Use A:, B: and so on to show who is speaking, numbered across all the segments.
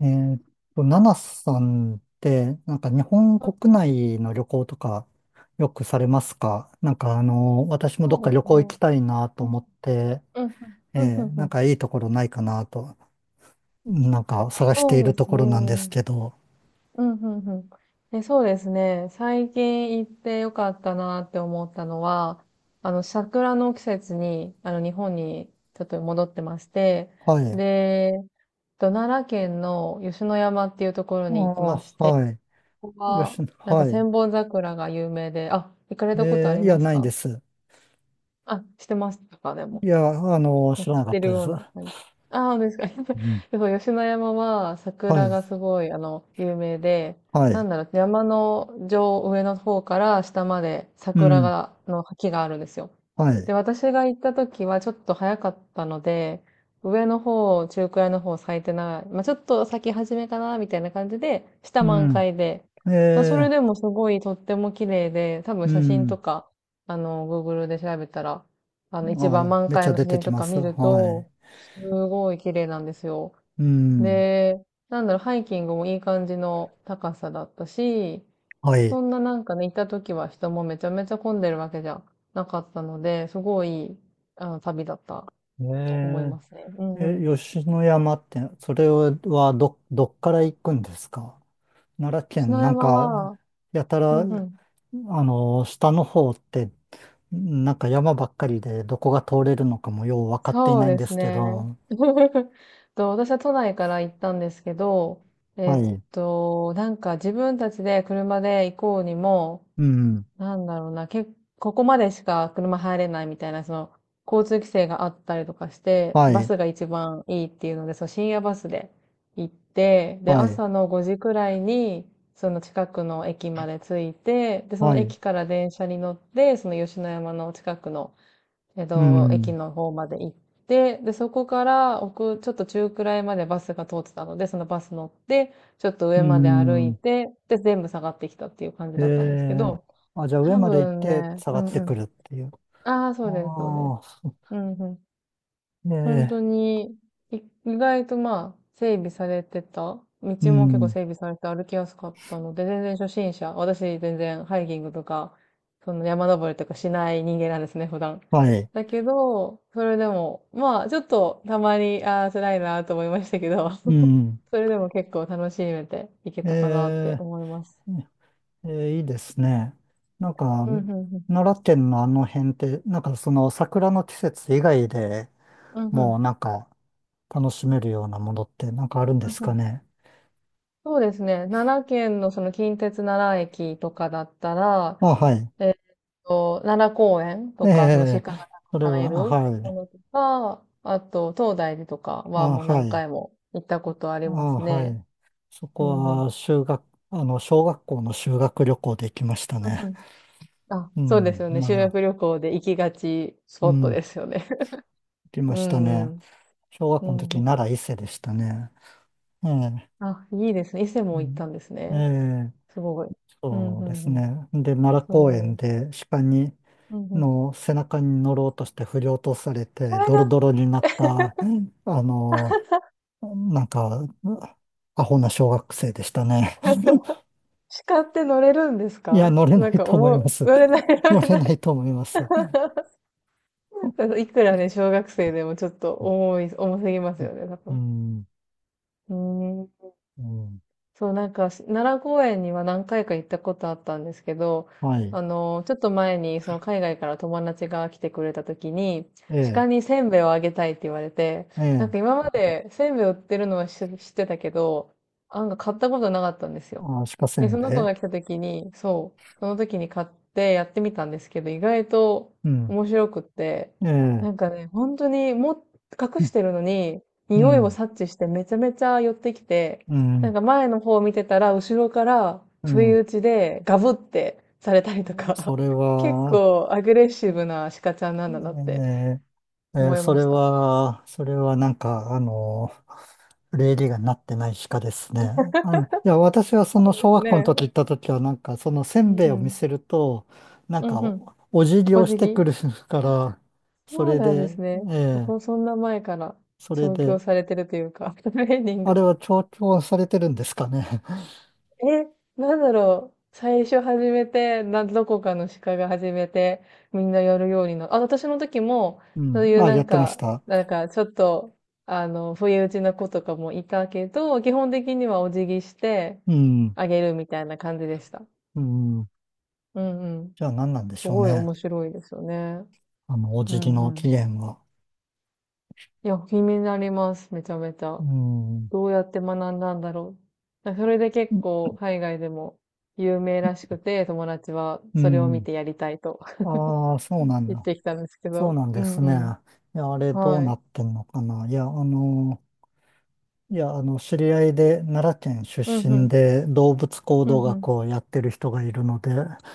A: えーっナナさんって、なんか日本
B: あ、
A: 国内の旅行とかよくされますか？なんか私もど
B: そ
A: っか
B: うで
A: 旅
B: す
A: 行行
B: ね。
A: きたいなと
B: うん、
A: 思って、
B: うん、うん、う
A: え
B: ん、う
A: なん
B: ん。
A: かいいところないかなと、なんか探してい
B: そう
A: る
B: で
A: と
B: す
A: ころなんです
B: ね。
A: けど。
B: うん、うん、うん。で、そうですね。最近行ってよかったなって思ったのは、桜の季節に、日本にちょっと戻ってまして、
A: はい。あ
B: で、奈良県の吉野山っていうところ
A: あ、
B: に行きまして、
A: はい。
B: ここ
A: よし、
B: は、なんか
A: はい。
B: 千本桜が有名で、あ、行かれたことあり
A: いや、
B: ます
A: ない
B: か？
A: です。
B: あ、してましたか、でも。
A: いや、あの、
B: なん
A: 知
B: か
A: らな
B: し
A: かっ
B: てる
A: たで
B: よ
A: す。
B: う
A: う
B: な感じ。ああ、ですか。
A: ん。
B: でそう、吉野山は
A: は
B: 桜
A: い。
B: がすごい、有名で、
A: は
B: な
A: い。
B: んだろう、山の上、上の方から下まで
A: う
B: 桜
A: ん。
B: が、の木があるんですよ。
A: はい。
B: で、私が行った時はちょっと早かったので、上の方、中くらいの方咲いてない。まあ、ちょっと咲き始めかな、みたいな感じで、下
A: う
B: 満
A: ん。
B: 開で。まあ、それ
A: えー、
B: でもすごいとっても綺麗で、多分
A: う
B: 写真
A: ん。
B: とか、Google で調べたら、一番
A: あ、
B: 満
A: めっち
B: 開
A: ゃ
B: の
A: 出
B: 写
A: て
B: 真
A: き
B: と
A: ま
B: か
A: す。
B: 見る
A: は
B: と、
A: い。
B: すごい綺麗なんですよ。
A: うん。
B: で、なんだろう、ハイキングもいい感じの高さだったし、
A: はい。え
B: そんななんかね、行った時は人もめちゃめちゃ混んでるわけじゃなかったので、すごいいい、旅だったと思いますね。う
A: え、
B: んうん。
A: 吉野山って、それはどっから行くんですか？奈良県、
B: 篠
A: なん
B: 山
A: か、
B: は、
A: やた
B: う
A: ら、
B: んう
A: あ
B: ん。
A: の、下の方って、なんか山ばっかりで、どこが通れるのかもよう分かってい
B: そう
A: ないん
B: で
A: で
B: す
A: すけ
B: ね。
A: ど。
B: 私は都内から行ったんですけど、
A: はい。
B: なんか自分たちで車で行こうにも、
A: うん。
B: なんだろうな、ここまでしか車入れないみたいな、その、交通規制があったりとかして、
A: は
B: バ
A: い。
B: スが一番いいっていうので、そう、深夜バスで行って、で、
A: はい。
B: 朝の5時くらいに、その近くの駅まで着いて、で、そ
A: は
B: の
A: い。
B: 駅から電車に乗って、その吉野山の近くの、
A: う
B: 駅
A: ん。
B: の方まで行って、で、そこから奥、ちょっと中くらいまでバスが通ってたので、そのバス乗って、ちょっと
A: う
B: 上まで歩い
A: ん。
B: て、で、全部下がってきたっていう感じ
A: え
B: だったんですけ
A: え、
B: ど、
A: あ、じゃあ上
B: 多
A: まで行っ
B: 分
A: て
B: ね、
A: 下
B: う
A: が
B: ん
A: って
B: う
A: くる
B: ん。
A: っていう。
B: ああ、そうです、そうです。
A: ああ。
B: うんうん。
A: え
B: 本当
A: え、
B: に、い意外とまあ、整備されてた。道
A: う
B: も結構
A: ん、
B: 整備されて歩きやすかったので、全然初心者。私全然ハイキングとか、その山登りとかしない人間なんですね、普段。
A: はい、
B: だけど、それでも、まあ、ちょっとたまに、ああ、辛いなと思いましたけど、
A: うん、
B: それでも結構楽しめていけ
A: え
B: たかなって
A: え、
B: 思います。
A: ええいいですね。なんか、
B: うんうんうん。
A: 奈良県のあの辺って、なんかその桜の季節以外で
B: うんう
A: も
B: ん。
A: うなんか楽しめるようなものってなんかあるんで
B: うん
A: す
B: う
A: か
B: ん。
A: ね？
B: そうですね。奈良県のその近鉄奈良駅とかだったら、
A: あ、はい。
B: えーっ奈良公園
A: え
B: とか、その鹿
A: え、
B: がた
A: それ
B: くさん
A: は、
B: い
A: あ、
B: る
A: は
B: も
A: い。
B: のとか、あと、東大寺とかは
A: あ、
B: もう
A: は
B: 何
A: い。
B: 回も行ったことあり
A: あ、
B: ます
A: は
B: ね。
A: い。そ
B: う
A: こ
B: んう
A: は
B: ん。
A: 修学、あの、小学校の修学旅行で行きました
B: うんう
A: ね。
B: ん。あ、
A: う
B: そうです
A: ん、
B: よね。
A: な
B: 修
A: ら、
B: 学旅行で行きがちス
A: う
B: ポッ
A: ん、
B: ト
A: 行
B: ですよね。
A: き
B: う
A: ま
B: ん
A: した
B: う
A: ね。
B: ん。
A: 小学
B: う
A: 校の
B: ん
A: 時、
B: うん。
A: 奈良伊勢でしたね。ええ、
B: あ、いいですね。伊勢
A: う
B: も行っ
A: ん、
B: たんです
A: え
B: ね。
A: え、
B: すごい。うん
A: そう
B: う
A: です
B: んうん。
A: ね。で、奈良公園
B: そ
A: で鹿に、
B: う。うんうん。
A: の背中に乗ろうとして振り落とされ
B: そ
A: て、
B: れ
A: ドロ
B: が。
A: ドロになった、うん、あの、なんか、アホな小学生でしたね。
B: 鹿って乗れるんです
A: いや、
B: か？
A: 乗れな
B: なん
A: い
B: か
A: と思い
B: 重い、
A: ます。
B: 乗れない、乗
A: 乗
B: れ
A: れ
B: ない。
A: ないと思います。
B: いくらね、小学生でもちょっと重い、重すぎますよね、多
A: う
B: 分。
A: ん、
B: うーん。
A: うん、
B: そう、なんか、奈良公園には何回か行ったことあったんですけど、
A: はい。
B: あの、ちょっと前に、その海外から友達が来てくれた時に、
A: ええ、
B: 鹿にせんべいをあげたいって言われて、
A: え
B: なん
A: え、
B: か今までせんべい売ってるのは知ってたけど、なんか買ったことなかったんですよ。
A: あ、鹿せ
B: で、
A: ん
B: そ
A: べ
B: の子が来
A: い。
B: た時に、そう、その時に買ってやってみたんですけど、意外と
A: うん、
B: 面白くって、
A: ええ、
B: なんかね、本当にも隠してるのに、
A: う
B: 匂いを
A: ん、
B: 察知してめちゃめちゃ寄ってきて、
A: う
B: なん
A: ん。
B: か前の方を見てたら、後ろから
A: う
B: 不意
A: ん。
B: 打ちでガブってされたりとか、
A: それ
B: 結
A: は、
B: 構アグレッ
A: え
B: シブな鹿ちゃんなんだなって
A: ー
B: 思い
A: そ
B: ま
A: れ
B: した。
A: は、それはなんか、あの、礼儀がなってない鹿ですね。あの、いや、私はそ
B: そ
A: の
B: う
A: 小
B: です
A: 学校の
B: ね。
A: 時行った時は、なんかそのせ
B: う
A: ん
B: ん
A: べいを
B: う
A: 見
B: ん。
A: せると、なん
B: うん
A: か
B: うん。
A: お辞儀
B: お
A: をし
B: 辞
A: て
B: 儀。
A: くるか
B: あ、
A: ら、そ
B: そう
A: れ
B: なんで
A: で、
B: すね。
A: え
B: そ
A: え、
B: こ、そんな前から
A: それ
B: 調教
A: で、
B: されてるというか、トレーニン
A: あ
B: グ。
A: れは調教されてるんですかね？
B: え、なんだろう。最初始めて、どこかの鹿が始めて、みんなやるようにあ、私の時も、
A: う
B: そう
A: ん。
B: いう
A: あ、
B: な
A: やっ
B: ん
A: てまし
B: か、
A: た。
B: なんかちょっと、不意打ちな子とかもいたけど、基本的にはお辞儀して
A: うん。
B: あげるみたいな感じでした。
A: うん。
B: うんうん。
A: じゃあ何なんで
B: す
A: しょう
B: ごい
A: ね。
B: 面白いですよね。
A: あの、お
B: う
A: 辞儀
B: んう
A: の起
B: ん。
A: 源は。
B: いや、気になります。めちゃめち
A: う
B: ゃ。
A: ん。
B: どうやって学んだんだろう。だからそれで結構海外でも有名らしくて、友達は
A: う
B: それを見
A: ん。
B: てやりたいと
A: ああ、そうなん
B: 言っ
A: だ。
B: てきたんですけ
A: そう
B: ど。
A: なん
B: う
A: で
B: ん
A: す
B: う
A: ね。
B: ん。
A: いや、あれどう
B: は
A: な
B: い。
A: ってんのかな。いや、あの、いや、あの、知り合いで奈良県出
B: うんう
A: 身
B: ん。
A: で動物行
B: う
A: 動
B: んう
A: 学を
B: ん。
A: やってる人がいるので、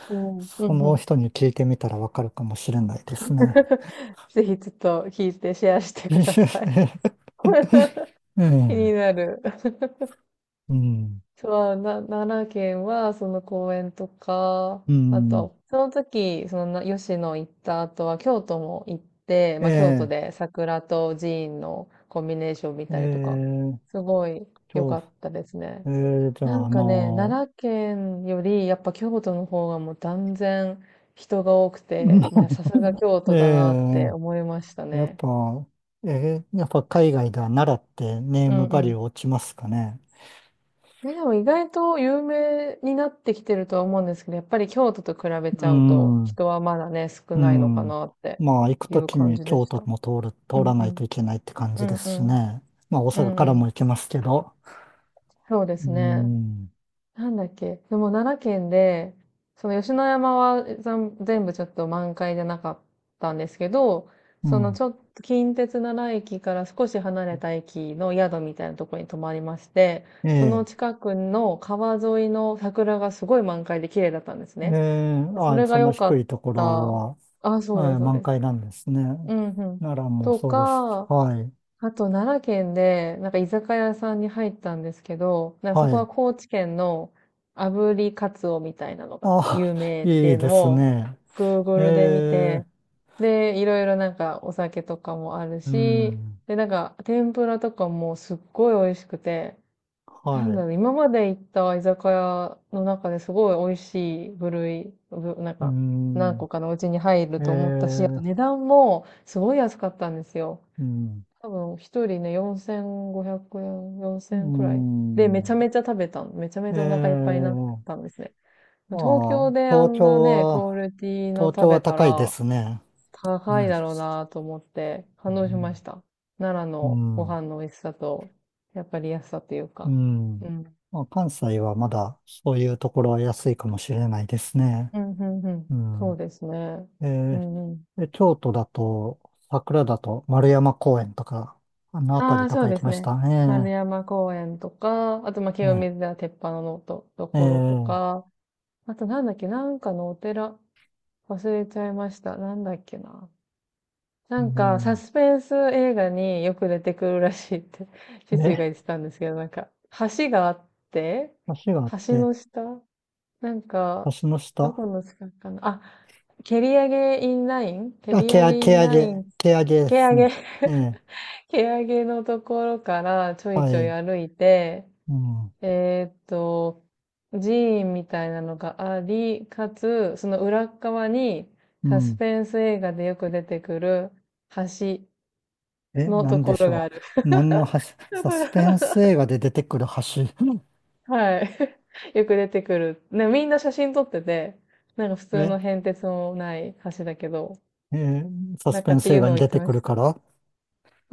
B: おーう
A: そ
B: んう
A: の
B: ん。
A: 人に聞いてみたらわかるかもしれないですね。
B: ぜひちょっと聞いてシェアしてください。
A: う
B: 気
A: ん。
B: になる。
A: うん。
B: そう、奈良県は、その公園とか、
A: う
B: あ
A: ん。
B: と、その時、その吉野行った後は、京都も行って、まあ、京都
A: え
B: で桜と寺院のコンビネーション見
A: え、え
B: たりとか、
A: え、
B: すごい良
A: そ
B: かったですね。
A: う、ええ、じゃ
B: な
A: あ、
B: ん
A: あ
B: かね、
A: の、
B: 奈良県より、やっぱ京都の方がもう断然人が多くて、ま あ、さすが京
A: え
B: 都だなって思いました
A: えやっ
B: ね。
A: ぱ、やっぱ海外では奈良ってネー
B: うん
A: ム
B: う
A: バリュ
B: ん。
A: ー落ちますかね？
B: え、でも意外と有名になってきてるとは思うんですけど、やっぱり京都と比べ
A: う
B: ちゃうと、
A: ん、う
B: 人はまだね、少ないのか
A: ん。
B: なって
A: まあ、行く
B: い
A: と
B: う
A: き
B: 感
A: に
B: じで
A: 京
B: し
A: 都
B: た。
A: も
B: う
A: 通
B: ん
A: ら
B: う
A: ない
B: ん。
A: といけないって感
B: う
A: じで
B: んう
A: すし
B: ん。
A: ね。まあ、大
B: う
A: 阪
B: んう
A: から
B: ん。
A: も行けますけど。
B: そうで
A: う
B: すね。
A: ん、
B: なんだっけ、でも奈良県で、その吉野山は全部ちょっと満開じゃなかったんですけど、
A: う
B: その
A: ん。
B: ちょっと近鉄奈良駅から少し離れた駅の宿みたいなところに泊まりまして、
A: え
B: その
A: え、
B: 近くの川沿いの桜がすごい満開で綺麗だったんです
A: え
B: ね。
A: え、
B: でそ
A: あ、
B: れ
A: そ
B: が
A: の
B: 良か
A: 低
B: っ
A: いところ
B: た。
A: は、
B: あ、そうで
A: え
B: す、
A: え
B: そう
A: 満
B: です。
A: 開なんですね。
B: うんうん。
A: 奈良も
B: と
A: そうです。
B: か、
A: はい、
B: あと、奈良県で、なんか居酒屋さんに入ったんですけど、なんか
A: は
B: そこ
A: い。
B: は高知県の炙りカツオみたいなのが
A: あ、
B: 有 名って
A: い
B: い
A: い
B: う
A: で
B: の
A: す
B: を
A: ね。
B: Google で見
A: え
B: て、
A: え、
B: で、いろいろなんかお酒とかもある
A: う
B: し、
A: ん、
B: で、なんか天ぷらとかもすっごい美味しくて、なん
A: は
B: だ
A: い。
B: ろう、今まで行った居酒屋の中ですごい美味しい部類、なん
A: う
B: か何
A: ん、
B: 個かのうちに入
A: え
B: ると思ったし、あと
A: ー、
B: 値段もすごい安かったんですよ。
A: うん、
B: 多分一人ね、4500円、
A: う
B: 4000くらい。で、め
A: ん、
B: ちゃめちゃ食べたの。めちゃめ
A: え
B: ちゃお腹いっぱいになっ
A: ー、
B: たんですね。東京
A: まあ、
B: であ
A: 東
B: んな
A: 京
B: ね、クオ
A: は、
B: リティの
A: 東
B: 食
A: 京は
B: べた
A: 高いで
B: ら
A: すね。う
B: 高い
A: ん、
B: だろうなと思って感動しました。奈良
A: う
B: の
A: ん、
B: ご
A: うん。
B: 飯の美味しさと、やっぱり安さという
A: う
B: か。う
A: ん、
B: ん。
A: まあ、関西はまだそういうところは安いかもしれないですね。
B: うん、うん、うん。
A: う
B: そう
A: ん。
B: ですね。
A: え
B: うん、うん。
A: ー、で京都だと、桜だと丸山公園とか、あの辺
B: あ
A: り
B: あ、
A: と
B: そ
A: か
B: う
A: 行
B: で
A: き
B: す
A: まし
B: ね。
A: た
B: 丸
A: ね。
B: 山公園とか、あと、まあ、
A: え
B: 清
A: え、
B: 水寺鉄板のと
A: え
B: ころと
A: え、
B: か、あとなんだっけ、なんかのお寺、忘れちゃいました。なんだっけな。な
A: う
B: んか、サ
A: ん。
B: スペンス映画によく出てくるらしいって 父が
A: ね、
B: 言ってたんですけど、なんか、橋があって、
A: 橋があっ
B: 橋
A: て、
B: の下なんか、
A: 足の
B: ど
A: 下。
B: この近くかな。あ、蹴り上げインライン蹴り上げインライン、
A: 毛上げで
B: 蹴
A: す
B: 上
A: ね。
B: げ。
A: ええ、
B: 蹴上げのところからちょい
A: は
B: ちょい
A: い。
B: 歩いて、
A: うん、
B: えーっと、寺院みたいなのがあり、かつ、その裏側に
A: う
B: サス
A: ん。
B: ペンス映画でよく出てくる橋
A: え、
B: の
A: な
B: と
A: んで
B: こ
A: し
B: ろ
A: ょ
B: が
A: う。
B: ある。
A: 何の橋、
B: だ
A: サ
B: か
A: スペン
B: ら。
A: ス映画で出てくる橋。
B: はい。よく出てくる。ね、みんな写真撮ってて、なんか普 通
A: え、
B: の変哲もない橋だけど、
A: ええ、サ
B: な
A: ス
B: ん
A: ペ
B: か
A: ン
B: って
A: ス
B: い
A: 映
B: う
A: 画
B: のを
A: に
B: 言
A: 出
B: って
A: て
B: ま
A: くる
B: した。
A: から。あ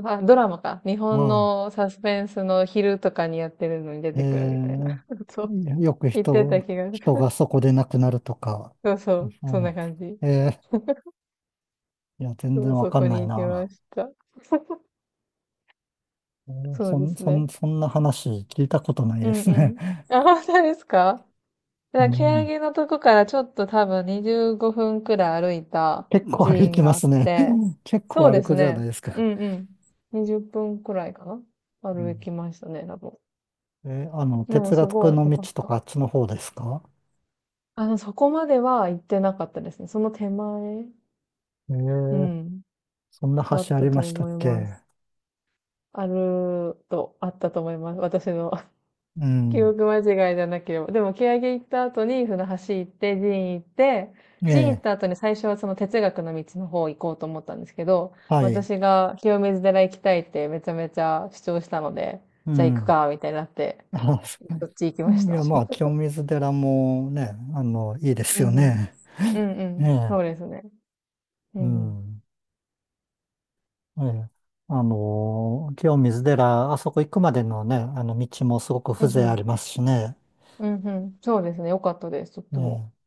B: あ、ドラマか。日本
A: あ、
B: のサスペンスの昼とかにやってるのに出
A: え
B: てくるみたいな。
A: え、
B: そう。
A: よく
B: 言ってた
A: 人、
B: 気がす
A: 人
B: る。
A: がそこで亡くなるとか。
B: そうそう。
A: そう
B: そん
A: な
B: な
A: んですか？
B: 感じ。
A: ええ、いや、全
B: そ
A: 然
B: う、
A: わ
B: そ
A: か
B: こ
A: んな
B: に
A: い
B: 行き
A: な。
B: ました。
A: ええ、
B: そうですね。
A: そんな話聞いたことない
B: う
A: で
B: ん
A: す
B: う
A: ね。
B: ん。あ、本当ですか？だ
A: う
B: から、
A: ん、
B: 蹴のとこからちょっと多分25分くらい歩いた
A: 結構
B: 寺
A: 歩
B: 院
A: き
B: が
A: ま
B: あっ
A: すね。
B: て、
A: 結
B: そう
A: 構歩
B: です
A: くじゃな
B: ね。
A: いです
B: う
A: か。
B: んうん。20分くらいかな
A: う
B: 歩
A: ん、
B: きましたね、多分。
A: え、あの、
B: でも
A: 哲
B: す
A: 学
B: ごい
A: の
B: 良
A: 道
B: かっ
A: と
B: た。
A: かあっちの方ですか？
B: あの、そこまでは行ってなかったですね。その手前、
A: え
B: う
A: ー、
B: ん、
A: そんな
B: だっ
A: 橋あ
B: た
A: りま
B: と
A: した
B: 思
A: っ
B: いま
A: け？
B: す。あると、あったと思います。私の
A: う
B: 記
A: ん。
B: 憶間違いじゃなければ。でも、蹴上行った後に船橋行って、寺院行って、
A: え
B: 寺院行っ
A: え、
B: た後に最初はその哲学の道の方行こうと思ったんですけど、
A: はい。
B: 私が清水寺行きたいってめちゃめちゃ主張したので、
A: う
B: じゃあ行く
A: ん。
B: か、みたいになって、
A: あ、そ
B: そっち行きまし
A: うい
B: た。
A: や、まあ、清 水寺もね、あの、いいで
B: う
A: す
B: んう
A: よ
B: ん。
A: ね。
B: うんう
A: え
B: ん。
A: え、
B: そうですね。う
A: う
B: んうん。
A: ん。ええ、あの、清水寺、あそこ行くまでのね、あの、道もすごく
B: う
A: 風
B: んう
A: 情あ
B: ん。
A: りますしね。
B: うんうん。そうですね。よかったです。とっても。
A: ええ